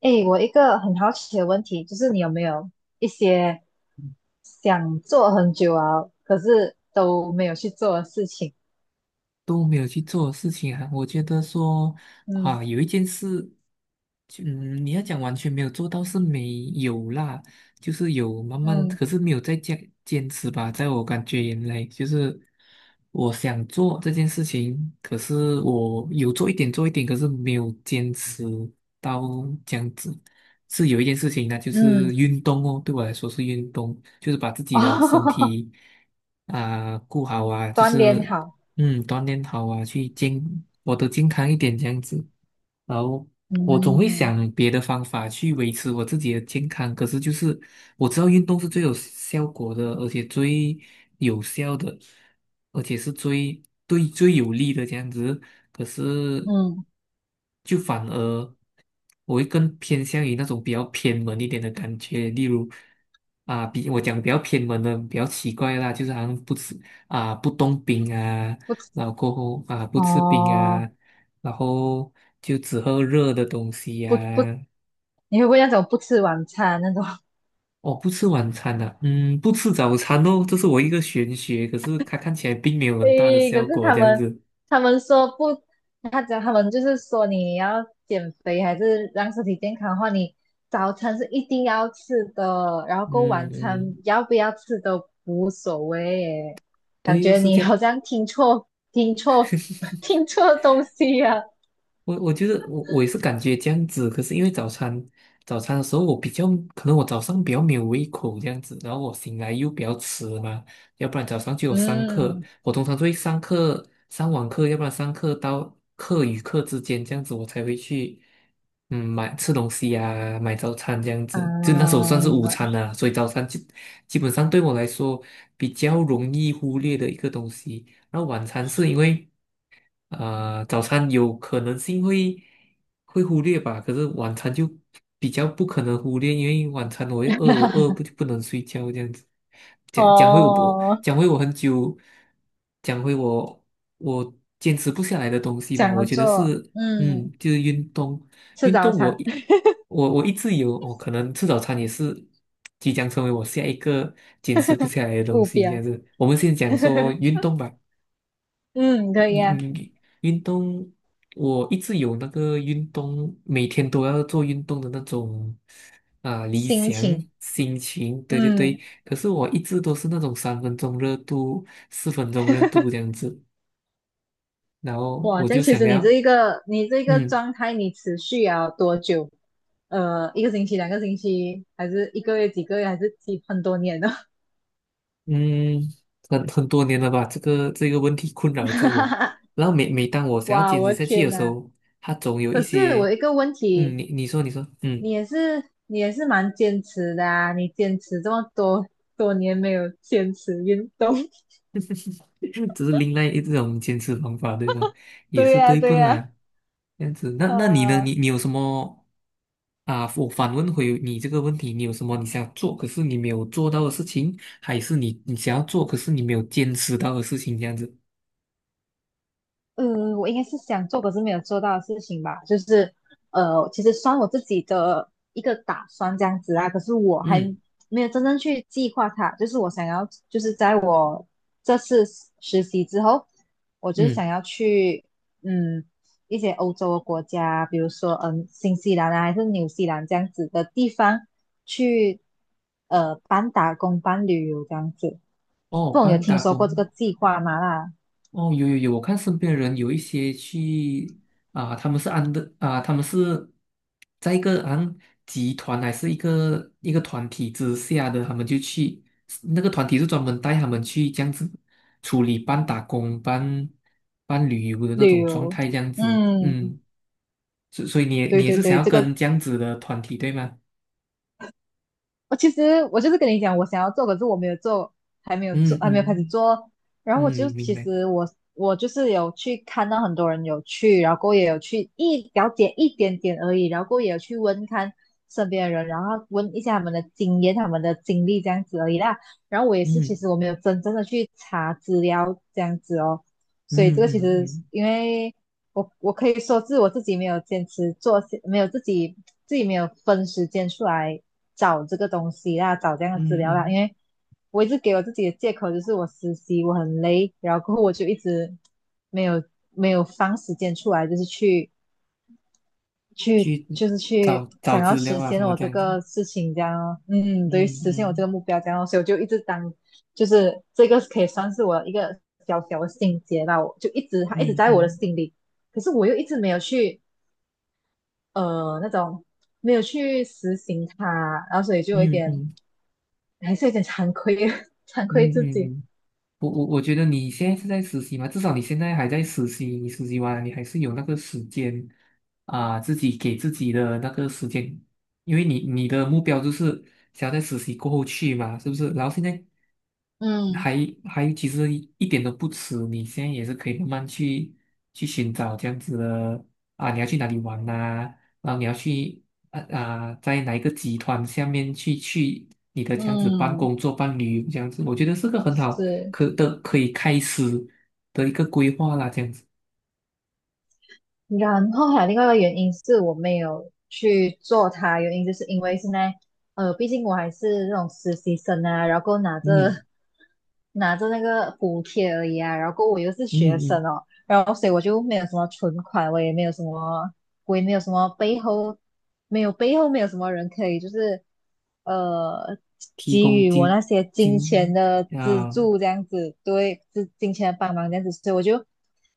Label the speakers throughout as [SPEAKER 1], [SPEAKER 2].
[SPEAKER 1] 诶，我一个很好奇的问题，就是你有没有一些想做很久啊，可是都没有去做的事情？
[SPEAKER 2] 都没有去做的事情啊。我觉得说
[SPEAKER 1] 嗯
[SPEAKER 2] 啊，有一件事，就你要讲完全没有做到是没有啦，就是有慢慢，
[SPEAKER 1] 嗯
[SPEAKER 2] 可是没有再坚持吧。在我感觉原来，就是我想做这件事情，可是我有做一点做一点，可是没有坚持到这样子。是有一件事情呢，就是
[SPEAKER 1] 嗯，
[SPEAKER 2] 运动哦，对我来说是运动，就是把自 己的身
[SPEAKER 1] 哦，
[SPEAKER 2] 体啊、顾好啊，就
[SPEAKER 1] 锻
[SPEAKER 2] 是
[SPEAKER 1] 炼好，
[SPEAKER 2] 锻炼好啊，我的健康一点这样子。然后我总会
[SPEAKER 1] 嗯
[SPEAKER 2] 想别的方法去维持我自己的健康，可是就是我知道运动是最有效果的，而且最有效的，而且是最对最有利的这样子。可是
[SPEAKER 1] 嗯，
[SPEAKER 2] 就反而我会更偏向于那种比较偏门一点的感觉，例如啊，比我讲比较偏门的比较奇怪的啦，就是好像不吃啊，不动冰啊。
[SPEAKER 1] 不吃
[SPEAKER 2] 然后过后啊，不吃冰
[SPEAKER 1] 哦，
[SPEAKER 2] 啊，然后就只喝热的东西呀、
[SPEAKER 1] 不不，
[SPEAKER 2] 啊。
[SPEAKER 1] 你会不会那种不吃晚餐那种？
[SPEAKER 2] 哦，不吃晚餐的、不吃早餐哦，这是我一个玄学，可是它看起来并没有很大的
[SPEAKER 1] 诶，可
[SPEAKER 2] 效
[SPEAKER 1] 是
[SPEAKER 2] 果，
[SPEAKER 1] 他
[SPEAKER 2] 这样
[SPEAKER 1] 们
[SPEAKER 2] 子。
[SPEAKER 1] 他们说不，他讲他们就是说你要减肥还是让身体健康的话，你早餐是一定要吃的，然后过
[SPEAKER 2] 嗯
[SPEAKER 1] 晚
[SPEAKER 2] 嗯，
[SPEAKER 1] 餐要不要吃都无所谓耶。
[SPEAKER 2] 对
[SPEAKER 1] 感
[SPEAKER 2] 又
[SPEAKER 1] 觉
[SPEAKER 2] 是
[SPEAKER 1] 你
[SPEAKER 2] 这样。
[SPEAKER 1] 好像听错 听错东西呀？
[SPEAKER 2] 我觉得我也是感觉这样子，可是因为早餐的时候我比较，可能我早上比较没有胃口这样子，然后我醒来又比较迟嘛。要不然早上就有上课，
[SPEAKER 1] 嗯
[SPEAKER 2] 我通常都会上课上网课，要不然上课到课与课之间这样子，我才会去买吃东西啊，买早餐这样子，就那时候
[SPEAKER 1] 啊
[SPEAKER 2] 算是午餐啦，所以早餐基本上对我来说比较容易忽略的一个东西。然后晚餐是因为，早餐有可能性会忽略吧，可是晚餐就比较不可能忽略，因为晚餐我会饿，我饿不 就不能睡觉这样子。讲回我，不
[SPEAKER 1] 哦，
[SPEAKER 2] 讲回我很久，讲回我坚持不下来的东西吧，
[SPEAKER 1] 想
[SPEAKER 2] 我
[SPEAKER 1] 要
[SPEAKER 2] 觉得
[SPEAKER 1] 做
[SPEAKER 2] 是
[SPEAKER 1] 嗯
[SPEAKER 2] 就是运动。
[SPEAKER 1] 吃
[SPEAKER 2] 运
[SPEAKER 1] 早
[SPEAKER 2] 动我
[SPEAKER 1] 餐
[SPEAKER 2] 一我我一直有，我可能吃早餐也是即将成为我下一个坚持不下来的东
[SPEAKER 1] 目
[SPEAKER 2] 西，这样
[SPEAKER 1] 标，
[SPEAKER 2] 子。我们先讲说运动吧。
[SPEAKER 1] 嗯可以
[SPEAKER 2] 你
[SPEAKER 1] 啊，
[SPEAKER 2] 你运动，我一直有那个运动，每天都要做运动的那种理
[SPEAKER 1] 心
[SPEAKER 2] 想
[SPEAKER 1] 情
[SPEAKER 2] 心情，对对
[SPEAKER 1] 嗯。
[SPEAKER 2] 对。可是我一直都是那种三分钟热度、四分钟热度这样子，然后
[SPEAKER 1] 哇，
[SPEAKER 2] 我
[SPEAKER 1] 这
[SPEAKER 2] 就
[SPEAKER 1] 样其
[SPEAKER 2] 想
[SPEAKER 1] 实你这
[SPEAKER 2] 要，
[SPEAKER 1] 一个你这个
[SPEAKER 2] 嗯
[SPEAKER 1] 状态，你持续了多久？一个星期、两个星期，还是一个月、几个月，还是几很多年呢？
[SPEAKER 2] 嗯，很多年了吧，这个问题困扰着我。然后每当我想要
[SPEAKER 1] 哇，
[SPEAKER 2] 坚持
[SPEAKER 1] 我的
[SPEAKER 2] 下去
[SPEAKER 1] 天
[SPEAKER 2] 的时
[SPEAKER 1] 呐！
[SPEAKER 2] 候，它总有一
[SPEAKER 1] 可是我
[SPEAKER 2] 些。
[SPEAKER 1] 一个问
[SPEAKER 2] 嗯，
[SPEAKER 1] 题，
[SPEAKER 2] 你说，嗯。
[SPEAKER 1] 你也是蛮坚持的啊，你坚持这么多年没有坚持运动，
[SPEAKER 2] 只是另外一种坚持方法，对吧？也
[SPEAKER 1] 对
[SPEAKER 2] 是
[SPEAKER 1] 呀，
[SPEAKER 2] 对不
[SPEAKER 1] 对呀，
[SPEAKER 2] 啦？这样子。那你呢？
[SPEAKER 1] 啊，
[SPEAKER 2] 你有什么啊？我反问回你这个问题，你有什么你想做，可是你没有做到的事情？还是你想要做，可是你没有坚持到的事情？这样子。
[SPEAKER 1] 嗯，我应该是想做，可是没有做到的事情吧，就是其实算我自己的一个打算这样子啊，可是我还
[SPEAKER 2] 嗯
[SPEAKER 1] 没有真正去计划它，就是我想要，就是在我这次实习之后，我就是想
[SPEAKER 2] 嗯，
[SPEAKER 1] 要去嗯一些欧洲的国家，比如说嗯新西兰啊，还是纽西兰这样子的地方去半打工半旅游这样子，
[SPEAKER 2] 哦，
[SPEAKER 1] 不懂有
[SPEAKER 2] 帮
[SPEAKER 1] 听
[SPEAKER 2] 打
[SPEAKER 1] 说过这个
[SPEAKER 2] 工
[SPEAKER 1] 计划吗啦？啊
[SPEAKER 2] 哦。有有有，我看身边人有一些去，他们是在一个好像集团，还是一个一个团体之下的。他们就去，那个团体是专门带他们去，这样子处理半打工半旅游的那
[SPEAKER 1] 旅
[SPEAKER 2] 种状
[SPEAKER 1] 游，
[SPEAKER 2] 态这样子。
[SPEAKER 1] 嗯，
[SPEAKER 2] 嗯，所以你也
[SPEAKER 1] 对
[SPEAKER 2] 你也
[SPEAKER 1] 对
[SPEAKER 2] 是想
[SPEAKER 1] 对，
[SPEAKER 2] 要
[SPEAKER 1] 这个
[SPEAKER 2] 跟这样子的团体对吗？
[SPEAKER 1] 我其实我就是跟你讲，我想要做，可是我没有做，还没有做，
[SPEAKER 2] 嗯
[SPEAKER 1] 还没有开始
[SPEAKER 2] 嗯
[SPEAKER 1] 做。然
[SPEAKER 2] 嗯，
[SPEAKER 1] 后我就
[SPEAKER 2] 明
[SPEAKER 1] 其
[SPEAKER 2] 白。
[SPEAKER 1] 实我我就是有去看到很多人有去，然后过后也有去一了解一点点而已，然后过后也有去问看身边的人，然后问一下他们的经验、他们的经历这样子而已啦。然后我也是，其
[SPEAKER 2] 嗯
[SPEAKER 1] 实我没有真正的去查资料这样子哦，所以这
[SPEAKER 2] 嗯
[SPEAKER 1] 个其
[SPEAKER 2] 嗯
[SPEAKER 1] 实
[SPEAKER 2] 嗯
[SPEAKER 1] 因为。我我可以说是我自己没有坚持做，没有自己没有分时间出来找这个东西啦，找这样
[SPEAKER 2] 嗯
[SPEAKER 1] 的资
[SPEAKER 2] 嗯，
[SPEAKER 1] 料啦，因
[SPEAKER 2] 嗯，
[SPEAKER 1] 为我一直给我自己的借口就是我实习我很累，然后过后我就一直没有没有放时间出来，就是去
[SPEAKER 2] 去
[SPEAKER 1] 就是去
[SPEAKER 2] 找找
[SPEAKER 1] 想要
[SPEAKER 2] 资
[SPEAKER 1] 实
[SPEAKER 2] 料啊什
[SPEAKER 1] 现
[SPEAKER 2] 么
[SPEAKER 1] 我
[SPEAKER 2] 这
[SPEAKER 1] 这
[SPEAKER 2] 样子。
[SPEAKER 1] 个事情，这样哦嗯，
[SPEAKER 2] 嗯
[SPEAKER 1] 对，实现我这
[SPEAKER 2] 嗯
[SPEAKER 1] 个目标，这样哦所以我就一直当，就是这个可以算是我一个小小的心结吧，我就一直它一直
[SPEAKER 2] 嗯
[SPEAKER 1] 在我的
[SPEAKER 2] 嗯
[SPEAKER 1] 心里，可是我又一直没有去呃那种没有去实行它，然后所以就有一
[SPEAKER 2] 嗯
[SPEAKER 1] 点
[SPEAKER 2] 嗯
[SPEAKER 1] 还是有点惭愧 惭
[SPEAKER 2] 嗯
[SPEAKER 1] 愧自
[SPEAKER 2] 嗯
[SPEAKER 1] 己，
[SPEAKER 2] 嗯，嗯，我觉得你现在是在实习嘛，至少你现在还在实习，你实习完了你还是有那个时间啊，自己给自己的那个时间。因为你的目标就是想要在实习过后去嘛，是不是？然后现在
[SPEAKER 1] 嗯
[SPEAKER 2] 还还其实一点都不迟，你现在也是可以慢慢去寻找这样子的啊。你要去哪里玩呐、然后你要去，在哪一个集团下面去你的这样子办
[SPEAKER 1] 嗯
[SPEAKER 2] 工作、办旅游这样子，我觉得是个很好，
[SPEAKER 1] 是。
[SPEAKER 2] 可以开始的一个规划啦，这样子。
[SPEAKER 1] 然后还有另外一个原因是我没有去做它，原因就是因为现在，毕竟我还是那种实习生啊，然后拿着
[SPEAKER 2] 嗯
[SPEAKER 1] 拿着那个补贴而已啊，然后我又是
[SPEAKER 2] 嗯
[SPEAKER 1] 学生
[SPEAKER 2] 嗯，
[SPEAKER 1] 哦，然后所以我就没有什么存款，我也没有什么鬼没有什么背后，没有什么人可以就是呃
[SPEAKER 2] 提
[SPEAKER 1] 给
[SPEAKER 2] 供
[SPEAKER 1] 予我
[SPEAKER 2] 金
[SPEAKER 1] 那些金钱
[SPEAKER 2] 金
[SPEAKER 1] 的资
[SPEAKER 2] 啊，
[SPEAKER 1] 助这样子，对，是金钱的帮忙这样子，所以我就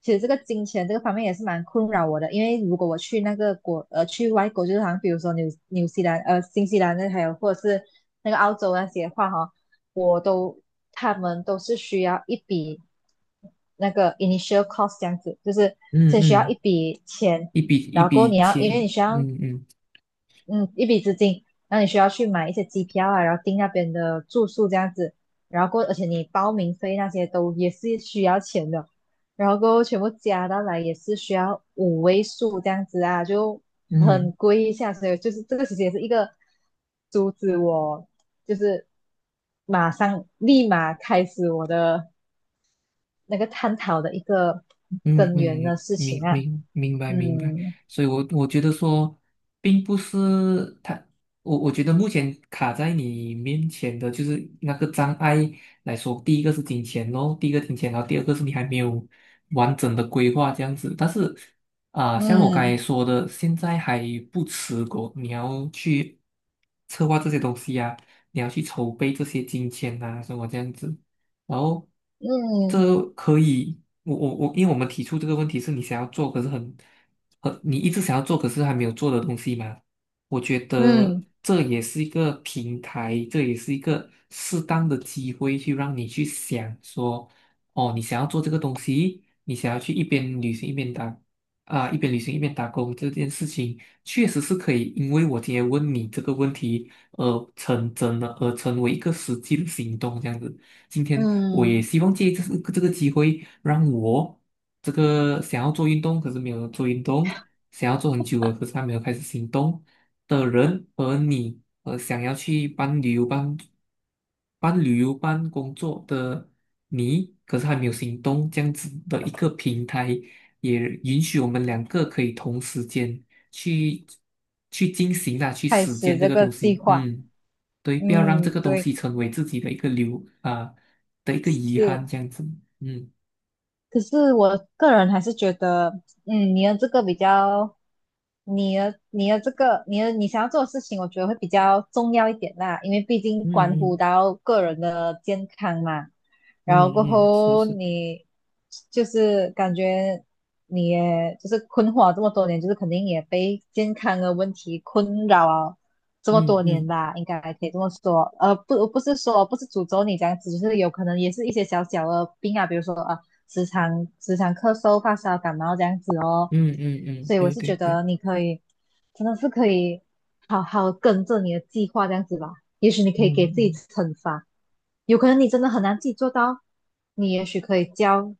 [SPEAKER 1] 其实这个金钱这个方面也是蛮困扰我的，因为如果我去那个去外国，就是好像比如说纽纽西兰呃新西兰那还有或者是那个澳洲那些的话哈，我都他们都是需要一笔。那个 initial cost 这样子，就是
[SPEAKER 2] 嗯
[SPEAKER 1] 先需要
[SPEAKER 2] 嗯，
[SPEAKER 1] 一笔钱，
[SPEAKER 2] 一笔一
[SPEAKER 1] 然后
[SPEAKER 2] 笔
[SPEAKER 1] 你要，因为
[SPEAKER 2] 钱，
[SPEAKER 1] 你需要，
[SPEAKER 2] 嗯嗯
[SPEAKER 1] 嗯，一笔资金，那你需要去买一些机票啊，然后订那边的住宿这样子，然后过，而且你报名费那些都也是需要钱的，然后过后全部加到来也是需要五位数这样子啊，就很
[SPEAKER 2] 嗯。
[SPEAKER 1] 贵一下，所以就是这个其实也是一个阻止我，就是马上立马开始我的那个探讨的一个
[SPEAKER 2] 嗯
[SPEAKER 1] 根源的
[SPEAKER 2] 嗯，
[SPEAKER 1] 事情
[SPEAKER 2] 明
[SPEAKER 1] 啊，
[SPEAKER 2] 明明白明白。
[SPEAKER 1] 嗯
[SPEAKER 2] 所以我觉得说，并不是他。我觉得目前卡在你面前的就是那个障碍来说，第一个是金钱咯，第一个金钱，然后第二个是你还没有完整的规划这样子。但是像我刚才
[SPEAKER 1] 嗯。
[SPEAKER 2] 说的，现在还不迟过，你要去策划这些东西啊，你要去筹备这些金钱啊，什么这样子。然后
[SPEAKER 1] 嗯，
[SPEAKER 2] 这可以，我我我，因为我们提出这个问题是你想要做，可是你一直想要做，可是还没有做的东西嘛。我觉得
[SPEAKER 1] 嗯
[SPEAKER 2] 这也是一个平台，这也是一个适当的机会，去让你去想说，哦，你想要做这个东西，你想要去一边旅行一边打工这件事情，确实是可以，因为我今天问你这个问题而成真的，而成为一个实际的行动这样子。今天我也
[SPEAKER 1] 嗯，
[SPEAKER 2] 希望借这个机会，让我这个想要做运动可是没有做运动、想要做很久了可是还没有开始行动的人，和你，想要去办旅游办工作的你，可是还没有行动，这样子的一个平台，也允许我们两个可以同时间去去进行啦，去
[SPEAKER 1] 开
[SPEAKER 2] 实践
[SPEAKER 1] 始
[SPEAKER 2] 这
[SPEAKER 1] 这
[SPEAKER 2] 个
[SPEAKER 1] 个
[SPEAKER 2] 东
[SPEAKER 1] 计
[SPEAKER 2] 西，
[SPEAKER 1] 划，
[SPEAKER 2] 嗯。对，不要让这
[SPEAKER 1] 嗯，
[SPEAKER 2] 个东
[SPEAKER 1] 对，
[SPEAKER 2] 西成为自己的一个留啊、的一个遗
[SPEAKER 1] 是，
[SPEAKER 2] 憾，这样子。嗯
[SPEAKER 1] 可是我个人还是觉得，嗯，你的这个比较，你的你的这个你的你想要做的事情，我觉得会比较重要一点啦，因为毕竟关乎
[SPEAKER 2] 嗯
[SPEAKER 1] 到个人的健康嘛。
[SPEAKER 2] 嗯
[SPEAKER 1] 然后过
[SPEAKER 2] 嗯嗯，是
[SPEAKER 1] 后
[SPEAKER 2] 是。
[SPEAKER 1] 你就是感觉你也就是困惑了这么多年，就是肯定也被健康的问题困扰了这么
[SPEAKER 2] 嗯
[SPEAKER 1] 多年
[SPEAKER 2] 嗯
[SPEAKER 1] 吧，应该可以这么说。不是说不是诅咒你这样子，就是有可能也是一些小小的病啊，比如说啊。时常咳嗽、发烧、感冒这样子哦。
[SPEAKER 2] 嗯嗯嗯，
[SPEAKER 1] 所以我
[SPEAKER 2] 对
[SPEAKER 1] 是
[SPEAKER 2] 对
[SPEAKER 1] 觉
[SPEAKER 2] 对。
[SPEAKER 1] 得你可以，真的是可以好好跟着你的计划这样子吧。也许你可
[SPEAKER 2] 嗯
[SPEAKER 1] 以给自己
[SPEAKER 2] 嗯
[SPEAKER 1] 惩罚，有可能你真的很难自己做到，你也许可以教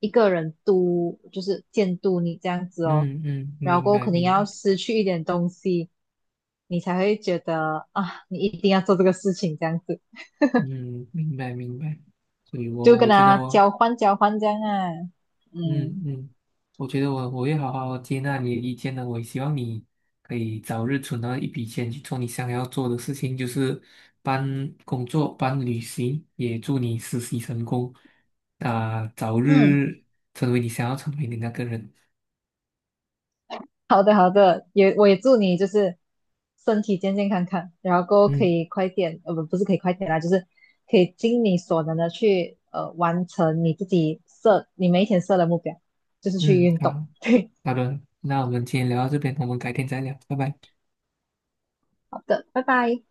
[SPEAKER 1] 一个人督，就是监督你这样子哦。
[SPEAKER 2] 嗯嗯，
[SPEAKER 1] 然后
[SPEAKER 2] 明
[SPEAKER 1] 过后
[SPEAKER 2] 白
[SPEAKER 1] 肯定
[SPEAKER 2] 明
[SPEAKER 1] 要
[SPEAKER 2] 白。
[SPEAKER 1] 失去一点东西，你才会觉得啊，你一定要做这个事情这样子，
[SPEAKER 2] 嗯，明白明白。所以
[SPEAKER 1] 就
[SPEAKER 2] 我
[SPEAKER 1] 跟
[SPEAKER 2] 我觉得
[SPEAKER 1] 他
[SPEAKER 2] 我
[SPEAKER 1] 交换这样啊，
[SPEAKER 2] 嗯
[SPEAKER 1] 嗯。
[SPEAKER 2] 嗯，我觉得我会好好接纳你的意见的。我也希望你可以早日存到一笔钱去做你想要做的事情，就是搬工作、搬旅行。也祝你实习成功，早
[SPEAKER 1] 嗯。
[SPEAKER 2] 日成为你想要成为的那个人。
[SPEAKER 1] 好的，好的，也我也祝你就是身体健健康康，然后过后可
[SPEAKER 2] 嗯
[SPEAKER 1] 以快点，不是可以快点啦，就是可以尽你所能的去完成你自己设你每一天设的目标，就是去
[SPEAKER 2] 嗯，
[SPEAKER 1] 运动。
[SPEAKER 2] 好，
[SPEAKER 1] 对，
[SPEAKER 2] 好的，那我们今天聊到这边，我们改天再聊，拜拜。
[SPEAKER 1] 好的，拜拜。